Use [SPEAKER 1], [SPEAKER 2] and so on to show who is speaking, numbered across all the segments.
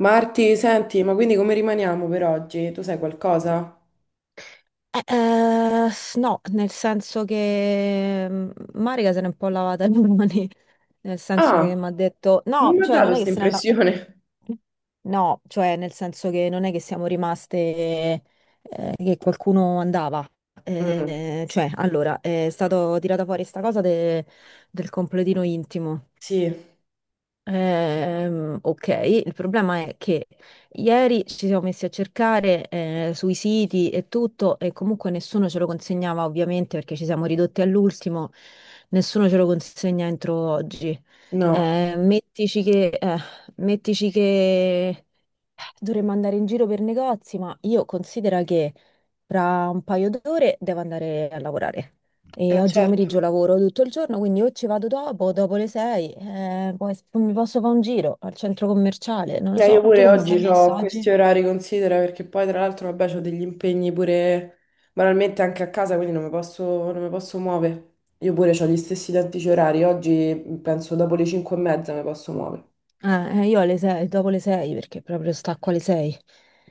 [SPEAKER 1] Marti, senti, ma quindi come rimaniamo per oggi? Tu sai qualcosa?
[SPEAKER 2] No, nel senso che Marica se n'è un po' lavata le mani, nel senso che
[SPEAKER 1] Ah,
[SPEAKER 2] mi ha detto
[SPEAKER 1] non
[SPEAKER 2] no,
[SPEAKER 1] mi ha
[SPEAKER 2] cioè
[SPEAKER 1] dato
[SPEAKER 2] non è che
[SPEAKER 1] questa
[SPEAKER 2] se ne la...
[SPEAKER 1] impressione.
[SPEAKER 2] No, cioè nel senso che non è che siamo rimaste che qualcuno andava.
[SPEAKER 1] Mm,
[SPEAKER 2] Cioè, allora, è stato tirata fuori sta cosa del completino intimo.
[SPEAKER 1] sì,
[SPEAKER 2] Ok, il problema è che ieri ci siamo messi a cercare sui siti e tutto e comunque nessuno ce lo consegnava ovviamente perché ci siamo ridotti all'ultimo, nessuno ce lo consegna entro oggi.
[SPEAKER 1] no,
[SPEAKER 2] Eh, mettici che, eh, mettici che dovremmo andare in giro per negozi, ma io considero che fra un paio d'ore devo andare a lavorare. E oggi pomeriggio
[SPEAKER 1] certo.
[SPEAKER 2] lavoro tutto il giorno, quindi o ci vado dopo, dopo le 6, poi mi posso fare un giro al centro commerciale, non lo
[SPEAKER 1] Io
[SPEAKER 2] so. Tu
[SPEAKER 1] pure
[SPEAKER 2] come
[SPEAKER 1] oggi
[SPEAKER 2] stai messa
[SPEAKER 1] ho
[SPEAKER 2] oggi?
[SPEAKER 1] questi orari, considera, perché poi tra l'altro, vabbè, ho degli impegni pure banalmente anche a casa, quindi non mi posso muovere. Io pure ho gli stessi identici orari, oggi penso dopo le 5 e mezza mi posso muovere.
[SPEAKER 2] Io alle 6, dopo le 6 perché proprio stacco alle 6.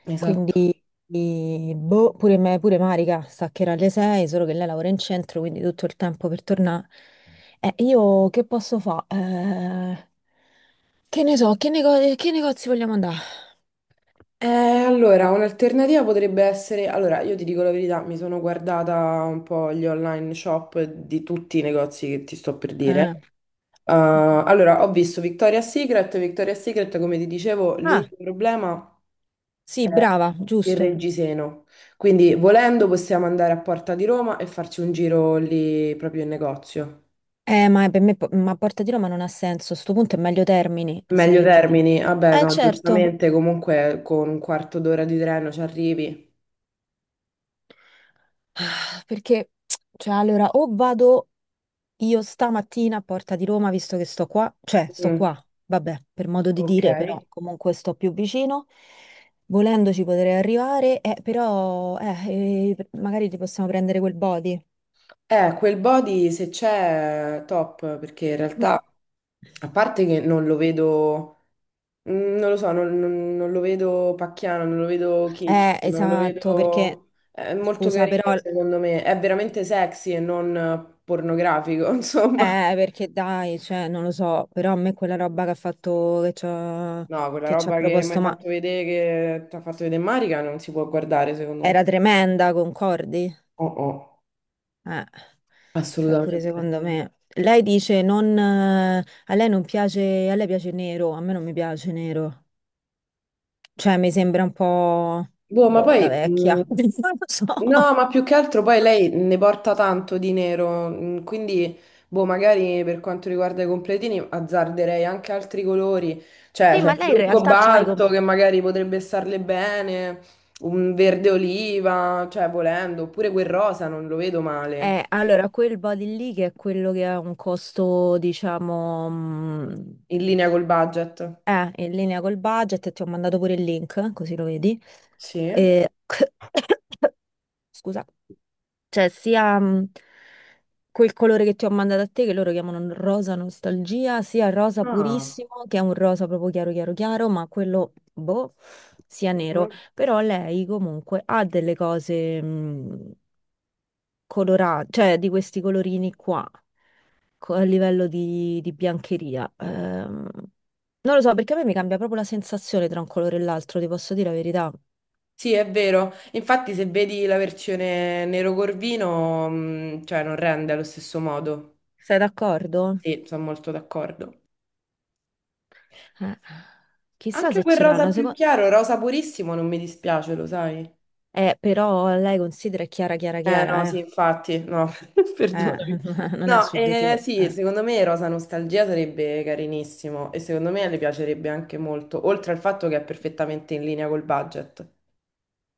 [SPEAKER 1] Esatto.
[SPEAKER 2] Quindi, boh, pure Marica staccherà alle 6, solo che lei lavora in centro, quindi tutto il tempo per tornare. Io che posso fare? Che ne so, che, che negozi vogliamo andare?
[SPEAKER 1] Allora, un'alternativa potrebbe essere, allora io ti dico la verità, mi sono guardata un po' gli online shop di tutti i negozi che ti sto per dire.
[SPEAKER 2] Eh.
[SPEAKER 1] Allora, ho visto Victoria's Secret, Victoria's Secret, come ti dicevo,
[SPEAKER 2] Ah,
[SPEAKER 1] l'unico problema
[SPEAKER 2] sì,
[SPEAKER 1] è
[SPEAKER 2] brava,
[SPEAKER 1] il
[SPEAKER 2] giusto.
[SPEAKER 1] reggiseno. Quindi, volendo, possiamo andare a Porta di Roma e farci un giro lì proprio in negozio.
[SPEAKER 2] Ma per me, ma Porta di Roma non ha senso. A sto punto è meglio Termini,
[SPEAKER 1] Meglio
[SPEAKER 2] se ti va.
[SPEAKER 1] Termini, vabbè, no,
[SPEAKER 2] Certo.
[SPEAKER 1] giustamente, comunque con un quarto d'ora di treno ci arrivi.
[SPEAKER 2] Ah, perché, cioè, allora, o vado io stamattina a Porta di Roma, visto che sto qua, cioè sto
[SPEAKER 1] Mm,
[SPEAKER 2] qua, vabbè, per modo di
[SPEAKER 1] ok.
[SPEAKER 2] dire, però comunque sto più vicino, volendoci potrei arrivare, però magari ti possiamo prendere quel body.
[SPEAKER 1] Quel body se c'è top, perché in
[SPEAKER 2] Ma...
[SPEAKER 1] realtà, a parte che non lo vedo, mm, non lo so, non lo vedo pacchiano, non lo vedo kitsch, non lo
[SPEAKER 2] Esatto, perché,
[SPEAKER 1] vedo... È molto
[SPEAKER 2] scusa, però,
[SPEAKER 1] carino, secondo me. È veramente sexy e non pornografico, insomma.
[SPEAKER 2] perché dai, cioè, non lo so, però a me quella roba che ha fatto, che ci ha,
[SPEAKER 1] No, quella
[SPEAKER 2] che ci ha
[SPEAKER 1] roba che mi hai
[SPEAKER 2] proposto, ma
[SPEAKER 1] fatto vedere, che ti ha fatto vedere Marica, non si può guardare, secondo me.
[SPEAKER 2] era tremenda, concordi?
[SPEAKER 1] Oh, oh,
[SPEAKER 2] Eh, cioè pure
[SPEAKER 1] assolutamente.
[SPEAKER 2] secondo me. Lei dice non, a lei non piace, a lei piace nero, a me non mi piace nero. Cioè mi sembra un po'
[SPEAKER 1] Boh, ma
[SPEAKER 2] boh,
[SPEAKER 1] poi,
[SPEAKER 2] da vecchia, non lo so.
[SPEAKER 1] no, ma più che altro poi lei ne porta tanto di nero, quindi, boh, magari per quanto riguarda i completini azzarderei anche altri colori, cioè
[SPEAKER 2] Sì,
[SPEAKER 1] c'è
[SPEAKER 2] ma
[SPEAKER 1] il
[SPEAKER 2] lei in
[SPEAKER 1] blu
[SPEAKER 2] realtà c'ha i
[SPEAKER 1] cobalto
[SPEAKER 2] compl-
[SPEAKER 1] che magari potrebbe starle bene, un verde oliva, cioè volendo, oppure quel rosa non lo vedo male,
[SPEAKER 2] Allora, quel body lì che è quello che ha un costo, diciamo,
[SPEAKER 1] in linea col budget.
[SPEAKER 2] in linea col budget, ti ho mandato pure il link, così lo vedi.
[SPEAKER 1] Sì?
[SPEAKER 2] Eh, scusa, cioè sia... quel colore che ti ho mandato a te, che loro chiamano rosa nostalgia, sia rosa
[SPEAKER 1] Ah.
[SPEAKER 2] purissimo, che è un rosa proprio chiaro, chiaro, chiaro, ma quello, boh, sia nero.
[SPEAKER 1] Mhm.
[SPEAKER 2] Però lei comunque ha delle cose colorate, cioè di questi colorini qua, a livello di biancheria. Non lo so, perché a me mi cambia proprio la sensazione tra un colore e l'altro, ti posso dire la verità.
[SPEAKER 1] Sì, è vero. Infatti, se vedi la versione nero corvino, cioè non rende allo stesso modo.
[SPEAKER 2] Sei d'accordo?
[SPEAKER 1] Sì, sono molto d'accordo.
[SPEAKER 2] Eh, Chissà
[SPEAKER 1] Anche
[SPEAKER 2] se
[SPEAKER 1] quel
[SPEAKER 2] ce
[SPEAKER 1] rosa
[SPEAKER 2] l'hanno,
[SPEAKER 1] più
[SPEAKER 2] secondo...
[SPEAKER 1] chiaro, rosa purissimo, non mi dispiace, lo sai?
[SPEAKER 2] Però lei considera è chiara, chiara,
[SPEAKER 1] Eh no,
[SPEAKER 2] chiara, eh.
[SPEAKER 1] sì, infatti, no,
[SPEAKER 2] Eh,
[SPEAKER 1] perdonami.
[SPEAKER 2] non è
[SPEAKER 1] No,
[SPEAKER 2] su di te,
[SPEAKER 1] sì, secondo me Rosa Nostalgia sarebbe carinissimo e secondo me le piacerebbe anche molto, oltre al fatto che è perfettamente in linea col budget.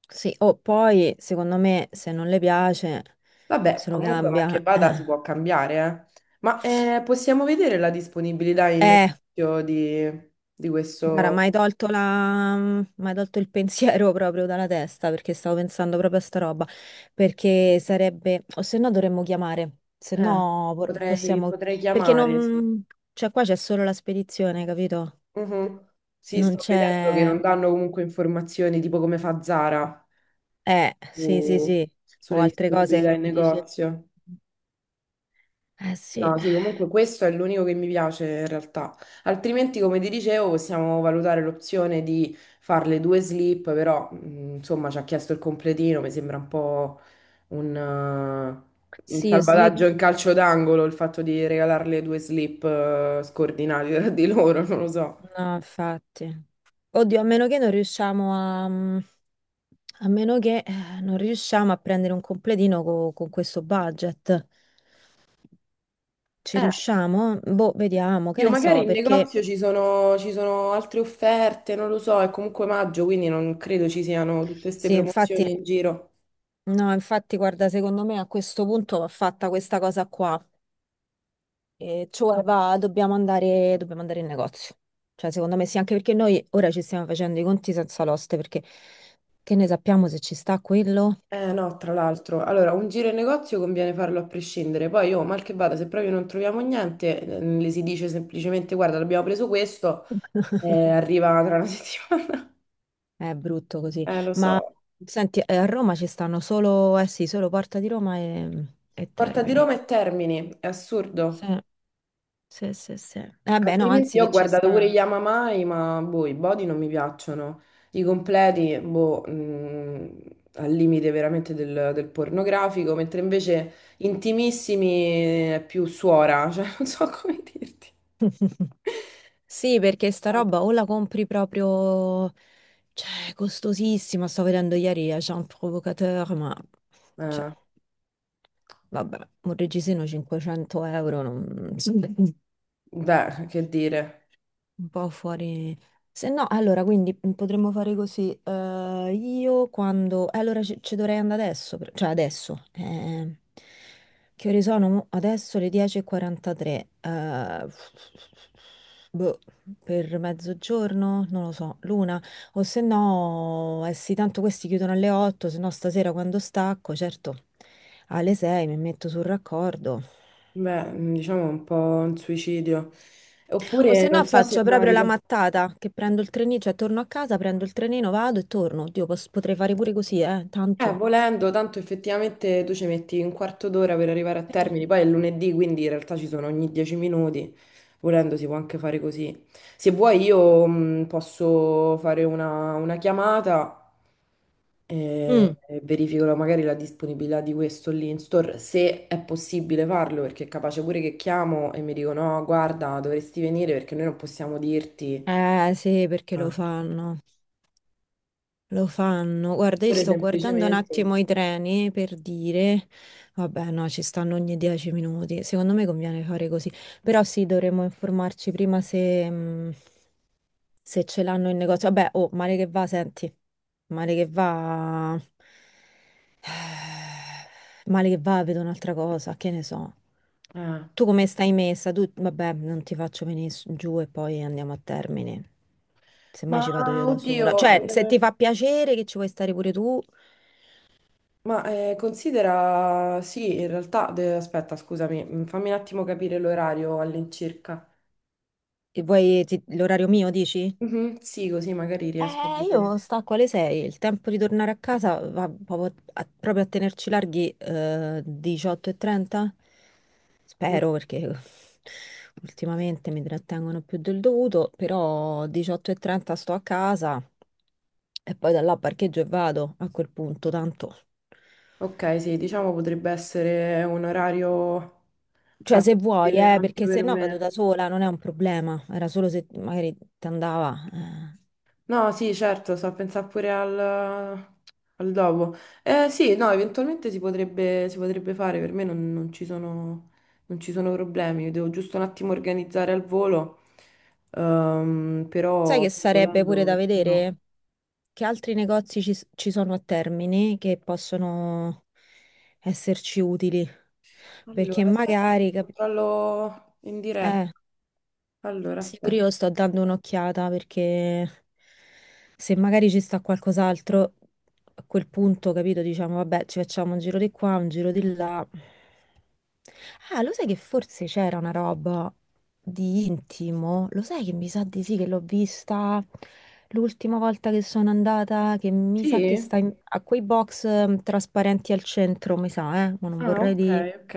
[SPEAKER 2] Sì, o poi, secondo me, se non le piace,
[SPEAKER 1] Vabbè,
[SPEAKER 2] se lo
[SPEAKER 1] comunque marche
[SPEAKER 2] cambia.
[SPEAKER 1] Bada si può cambiare, eh. Possiamo vedere la disponibilità in
[SPEAKER 2] Eh,
[SPEAKER 1] negozio di
[SPEAKER 2] guarda, mi
[SPEAKER 1] questo...
[SPEAKER 2] hai tolto la... M'hai tolto il pensiero proprio dalla testa, perché stavo pensando proprio a sta roba. Perché sarebbe... O se no dovremmo chiamare. Se
[SPEAKER 1] Eh,
[SPEAKER 2] no
[SPEAKER 1] potrei,
[SPEAKER 2] possiamo...
[SPEAKER 1] potrei
[SPEAKER 2] Perché
[SPEAKER 1] chiamare, sì.
[SPEAKER 2] non... Cioè, qua c'è solo la spedizione, capito?
[SPEAKER 1] Mhm. Sì,
[SPEAKER 2] Non
[SPEAKER 1] sto vedendo che
[SPEAKER 2] c'è...
[SPEAKER 1] non danno comunque informazioni tipo come fa Zara
[SPEAKER 2] Sì, sì,
[SPEAKER 1] su-
[SPEAKER 2] sì. O
[SPEAKER 1] sulle
[SPEAKER 2] altre
[SPEAKER 1] disponibilità
[SPEAKER 2] cose
[SPEAKER 1] in
[SPEAKER 2] che ti dice...
[SPEAKER 1] negozio.
[SPEAKER 2] Eh sì.
[SPEAKER 1] No, sì, comunque questo è l'unico che mi piace in realtà. Altrimenti, come ti dicevo, possiamo valutare l'opzione di fare le due slip, però insomma ci ha chiesto il completino, mi sembra un po' un
[SPEAKER 2] Sì, io slip,
[SPEAKER 1] salvataggio in calcio d'angolo il fatto di regalarle due slip scordinate tra di loro, non lo so.
[SPEAKER 2] no, infatti. Oddio, a meno che non riusciamo a... A meno che non riusciamo a prendere un completino con questo budget. Ci
[SPEAKER 1] Eh,
[SPEAKER 2] riusciamo? Boh, vediamo, che
[SPEAKER 1] io
[SPEAKER 2] ne
[SPEAKER 1] magari
[SPEAKER 2] so,
[SPEAKER 1] in
[SPEAKER 2] perché
[SPEAKER 1] negozio ci sono altre offerte, non lo so, è comunque maggio, quindi non credo ci siano tutte queste
[SPEAKER 2] sì, infatti,
[SPEAKER 1] promozioni in giro.
[SPEAKER 2] no, infatti, guarda, secondo me a questo punto va fatta questa cosa qua. E cioè, va, dobbiamo andare in negozio. Cioè, secondo me sì, anche perché noi ora ci stiamo facendo i conti senza l'oste, perché che ne sappiamo se ci sta quello?
[SPEAKER 1] Eh no, tra l'altro, allora un giro in negozio conviene farlo a prescindere, poi io mal che vada, se proprio non troviamo niente, le si dice semplicemente guarda, abbiamo preso questo, arriva tra una settimana.
[SPEAKER 2] È brutto così.
[SPEAKER 1] Lo
[SPEAKER 2] Ma
[SPEAKER 1] so.
[SPEAKER 2] senti, a Roma ci stanno solo, eh sì, solo Porta di Roma e
[SPEAKER 1] Porta di
[SPEAKER 2] Termini.
[SPEAKER 1] Roma e Termini, è
[SPEAKER 2] Sì,
[SPEAKER 1] assurdo.
[SPEAKER 2] sì, sì, sì. Eh beh, no,
[SPEAKER 1] Altrimenti
[SPEAKER 2] anzi
[SPEAKER 1] io
[SPEAKER 2] che
[SPEAKER 1] ho
[SPEAKER 2] ci
[SPEAKER 1] guardato pure gli
[SPEAKER 2] stanno.
[SPEAKER 1] Amamai, ma boh, i body non mi piacciono. I completi, boh, mm, al limite veramente del, del pornografico, mentre invece intimissimi è più suora, cioè non so come dirti.
[SPEAKER 2] Sì, perché sta roba o la compri proprio, cioè, è costosissima. Sto vedendo ieri a Jean Provocateur, ma, cioè,
[SPEAKER 1] Eh,
[SPEAKER 2] vabbè, un reggiseno 500 euro, non...
[SPEAKER 1] beh, che dire,
[SPEAKER 2] Un po' fuori. Se no, allora, quindi potremmo fare così. Eh, io quando... allora ci dovrei andare adesso, cioè adesso. Eh, che ore sono? Adesso le 10:43. Eh, boh, per mezzogiorno? Non lo so, l'una. O se no, eh sì, tanto questi chiudono alle 8, se no stasera quando stacco, certo, alle 6 mi metto sul raccordo.
[SPEAKER 1] beh, diciamo un po' un suicidio.
[SPEAKER 2] O
[SPEAKER 1] Oppure
[SPEAKER 2] se no
[SPEAKER 1] non so se
[SPEAKER 2] faccio proprio la
[SPEAKER 1] Marica.
[SPEAKER 2] mattata, che prendo il trenino, cioè torno a casa, prendo il trenino, vado e torno. Oddio, potrei fare pure così, tanto.
[SPEAKER 1] Volendo, tanto effettivamente tu ci metti un quarto d'ora per arrivare a
[SPEAKER 2] Sì.
[SPEAKER 1] Termini, poi è lunedì, quindi in realtà ci sono ogni 10 minuti, volendo si può anche fare così. Se vuoi io posso fare una chiamata
[SPEAKER 2] Mm.
[SPEAKER 1] e verifico magari la disponibilità di questo lì in store, se è possibile farlo, perché è capace pure che chiamo e mi dicono no, guarda, dovresti venire perché noi non possiamo dirti,
[SPEAKER 2] Eh sì, perché lo
[SPEAKER 1] Ah.
[SPEAKER 2] fanno. Lo fanno. Guarda, io
[SPEAKER 1] Pure
[SPEAKER 2] sto guardando un
[SPEAKER 1] semplicemente...
[SPEAKER 2] attimo i treni per dire, vabbè, no, ci stanno ogni 10 minuti. Secondo me conviene fare così. Però sì, dovremmo informarci prima se ce l'hanno in negozio. Vabbè, oh, male che va, senti, male che va, male che va, vedo un'altra cosa, che ne so.
[SPEAKER 1] eh,
[SPEAKER 2] Tu come stai messa? Tu, vabbè, non ti faccio venire giù e poi andiamo a termine. Semmai
[SPEAKER 1] Ma
[SPEAKER 2] ci vado io da sola.
[SPEAKER 1] oddio,
[SPEAKER 2] Cioè, se ti fa piacere che ci vuoi stare pure tu,
[SPEAKER 1] Ma considera, sì, in realtà, aspetta, scusami, mm, fammi un attimo capire l'orario all'incirca.
[SPEAKER 2] e vuoi l'orario mio, dici?
[SPEAKER 1] Mhm, sì, così magari riesco a
[SPEAKER 2] Io
[SPEAKER 1] vedere.
[SPEAKER 2] sta a quale sei? Il tempo di tornare a casa va proprio a, tenerci larghi 18:30?
[SPEAKER 1] Mm,
[SPEAKER 2] Spero perché ultimamente mi trattengono più del dovuto, però 18:30 sto a casa e poi da là parcheggio e vado a quel punto, tanto.
[SPEAKER 1] ok, sì, diciamo potrebbe essere un orario
[SPEAKER 2] Cioè se vuoi,
[SPEAKER 1] fattibile anche
[SPEAKER 2] perché se
[SPEAKER 1] per
[SPEAKER 2] no vado da
[SPEAKER 1] me.
[SPEAKER 2] sola, non è un problema. Era solo se magari ti andava,
[SPEAKER 1] No, sì, certo, so, pensare pure al, al dopo. Sì, no, eventualmente si potrebbe fare, per me non ci sono, non ci sono problemi. Io devo giusto un attimo organizzare al volo, ehm,
[SPEAKER 2] Sai
[SPEAKER 1] però
[SPEAKER 2] che
[SPEAKER 1] sì,
[SPEAKER 2] sarebbe pure
[SPEAKER 1] volendo
[SPEAKER 2] da
[SPEAKER 1] perché no.
[SPEAKER 2] vedere che altri negozi ci sono a Termini che possono esserci utili,
[SPEAKER 1] Allora,
[SPEAKER 2] perché
[SPEAKER 1] aspetta, che
[SPEAKER 2] magari,
[SPEAKER 1] controllo in
[SPEAKER 2] eh,
[SPEAKER 1] diretta. Allora,
[SPEAKER 2] sì, pure
[SPEAKER 1] aspetta.
[SPEAKER 2] io sto dando un'occhiata perché se magari ci sta qualcos'altro, a quel punto, capito, diciamo, vabbè, ci facciamo un giro di qua, un giro di là. Ah, lo sai che forse c'era una roba di intimo? Lo sai che mi sa di sì, che l'ho vista l'ultima volta che sono andata, che mi sa che
[SPEAKER 1] Sì?
[SPEAKER 2] sta a quei box trasparenti al centro, mi sa, ma non
[SPEAKER 1] Ah,
[SPEAKER 2] vorrei
[SPEAKER 1] ok,
[SPEAKER 2] di...
[SPEAKER 1] ok.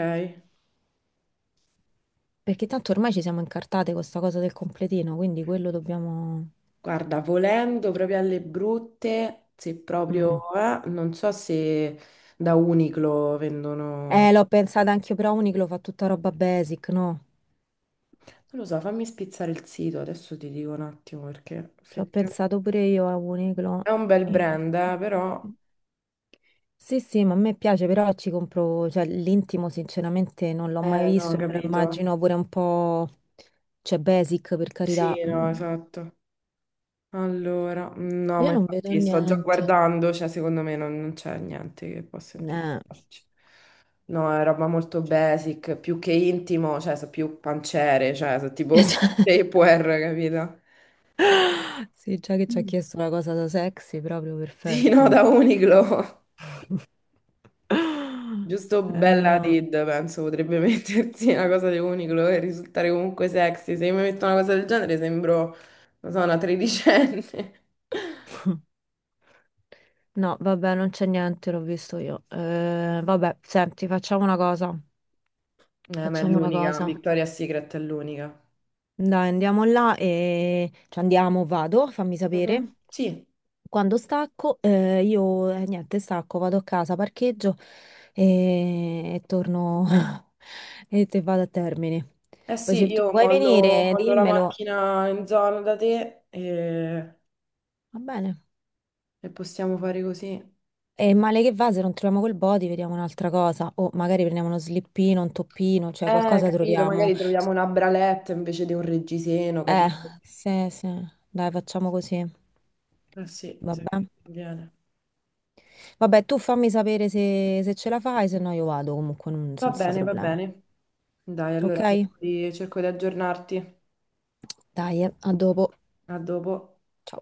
[SPEAKER 2] Perché tanto ormai ci siamo incartate con sta cosa del completino, quindi quello dobbiamo...
[SPEAKER 1] Guarda, volendo proprio alle brutte, se
[SPEAKER 2] Mm.
[SPEAKER 1] proprio, non so se da Uniqlo vendono, non
[SPEAKER 2] L'ho pensato anche io, però Uniqlo fa tutta roba basic, no?
[SPEAKER 1] lo so, fammi spizzare il sito, adesso ti dico un attimo perché
[SPEAKER 2] Ci ho
[SPEAKER 1] effettivamente
[SPEAKER 2] pensato pure io a Uniqlo.
[SPEAKER 1] è un bel
[SPEAKER 2] In
[SPEAKER 1] brand, però,
[SPEAKER 2] effetti. Sì, sì, ma a me piace, però ci compro, cioè l'intimo sinceramente non l'ho mai
[SPEAKER 1] no, ho
[SPEAKER 2] visto e me lo
[SPEAKER 1] capito.
[SPEAKER 2] immagino pure un po', cioè basic per carità.
[SPEAKER 1] Sì, no,
[SPEAKER 2] Mm.
[SPEAKER 1] esatto. Allora, no,
[SPEAKER 2] Io
[SPEAKER 1] ma
[SPEAKER 2] non vedo
[SPEAKER 1] infatti sto già
[SPEAKER 2] niente.
[SPEAKER 1] guardando, cioè secondo me non c'è niente che possa
[SPEAKER 2] Eh.
[SPEAKER 1] interessarci. No, è roba molto basic, più che intimo, cioè sono più pancere, cioè sono tipo Tupperware, capito?
[SPEAKER 2] Sì, già che ci ha
[SPEAKER 1] Mm.
[SPEAKER 2] chiesto la cosa da sexy, proprio
[SPEAKER 1] Sì, no,
[SPEAKER 2] perfetto.
[SPEAKER 1] da Uniqlo. Giusto
[SPEAKER 2] Eh
[SPEAKER 1] bella
[SPEAKER 2] no.
[SPEAKER 1] Tid, penso, potrebbe mettersi una cosa di Uniqlo e risultare comunque sexy. Se io mi metto una cosa del genere sembro, non so, una tredicenne.
[SPEAKER 2] No, vabbè, non c'è niente, l'ho visto io. Vabbè, senti, facciamo una cosa.
[SPEAKER 1] Ma è
[SPEAKER 2] Facciamo una
[SPEAKER 1] l'unica,
[SPEAKER 2] cosa.
[SPEAKER 1] Victoria's Secret è l'unica.
[SPEAKER 2] Dai, andiamo là e... Cioè, andiamo, vado, fammi
[SPEAKER 1] Mhm,
[SPEAKER 2] sapere.
[SPEAKER 1] sì,
[SPEAKER 2] Quando stacco, io, niente, stacco, vado a casa, parcheggio e torno e te vado a termine.
[SPEAKER 1] eh
[SPEAKER 2] Poi se
[SPEAKER 1] sì,
[SPEAKER 2] tu
[SPEAKER 1] io
[SPEAKER 2] vuoi
[SPEAKER 1] mollo,
[SPEAKER 2] venire,
[SPEAKER 1] mollo la
[SPEAKER 2] dimmelo.
[SPEAKER 1] macchina in zona da te
[SPEAKER 2] Va bene.
[SPEAKER 1] e possiamo fare così.
[SPEAKER 2] E male che va, se non troviamo quel body, vediamo un'altra cosa. O magari prendiamo uno slippino, un toppino, cioè qualcosa
[SPEAKER 1] Capito,
[SPEAKER 2] troviamo.
[SPEAKER 1] magari troviamo una bralette invece di un reggiseno,
[SPEAKER 2] Eh,
[SPEAKER 1] capito?
[SPEAKER 2] sì, sì, dai, facciamo così.
[SPEAKER 1] Eh sì, mi sa
[SPEAKER 2] Vabbè.
[SPEAKER 1] che viene.
[SPEAKER 2] Vabbè, tu fammi sapere se ce la fai, se no io vado comunque
[SPEAKER 1] Va
[SPEAKER 2] senza
[SPEAKER 1] bene, va
[SPEAKER 2] problemi.
[SPEAKER 1] bene. Dai,
[SPEAKER 2] Ok?
[SPEAKER 1] allora cerco di aggiornarti.
[SPEAKER 2] Dai, a dopo.
[SPEAKER 1] A dopo.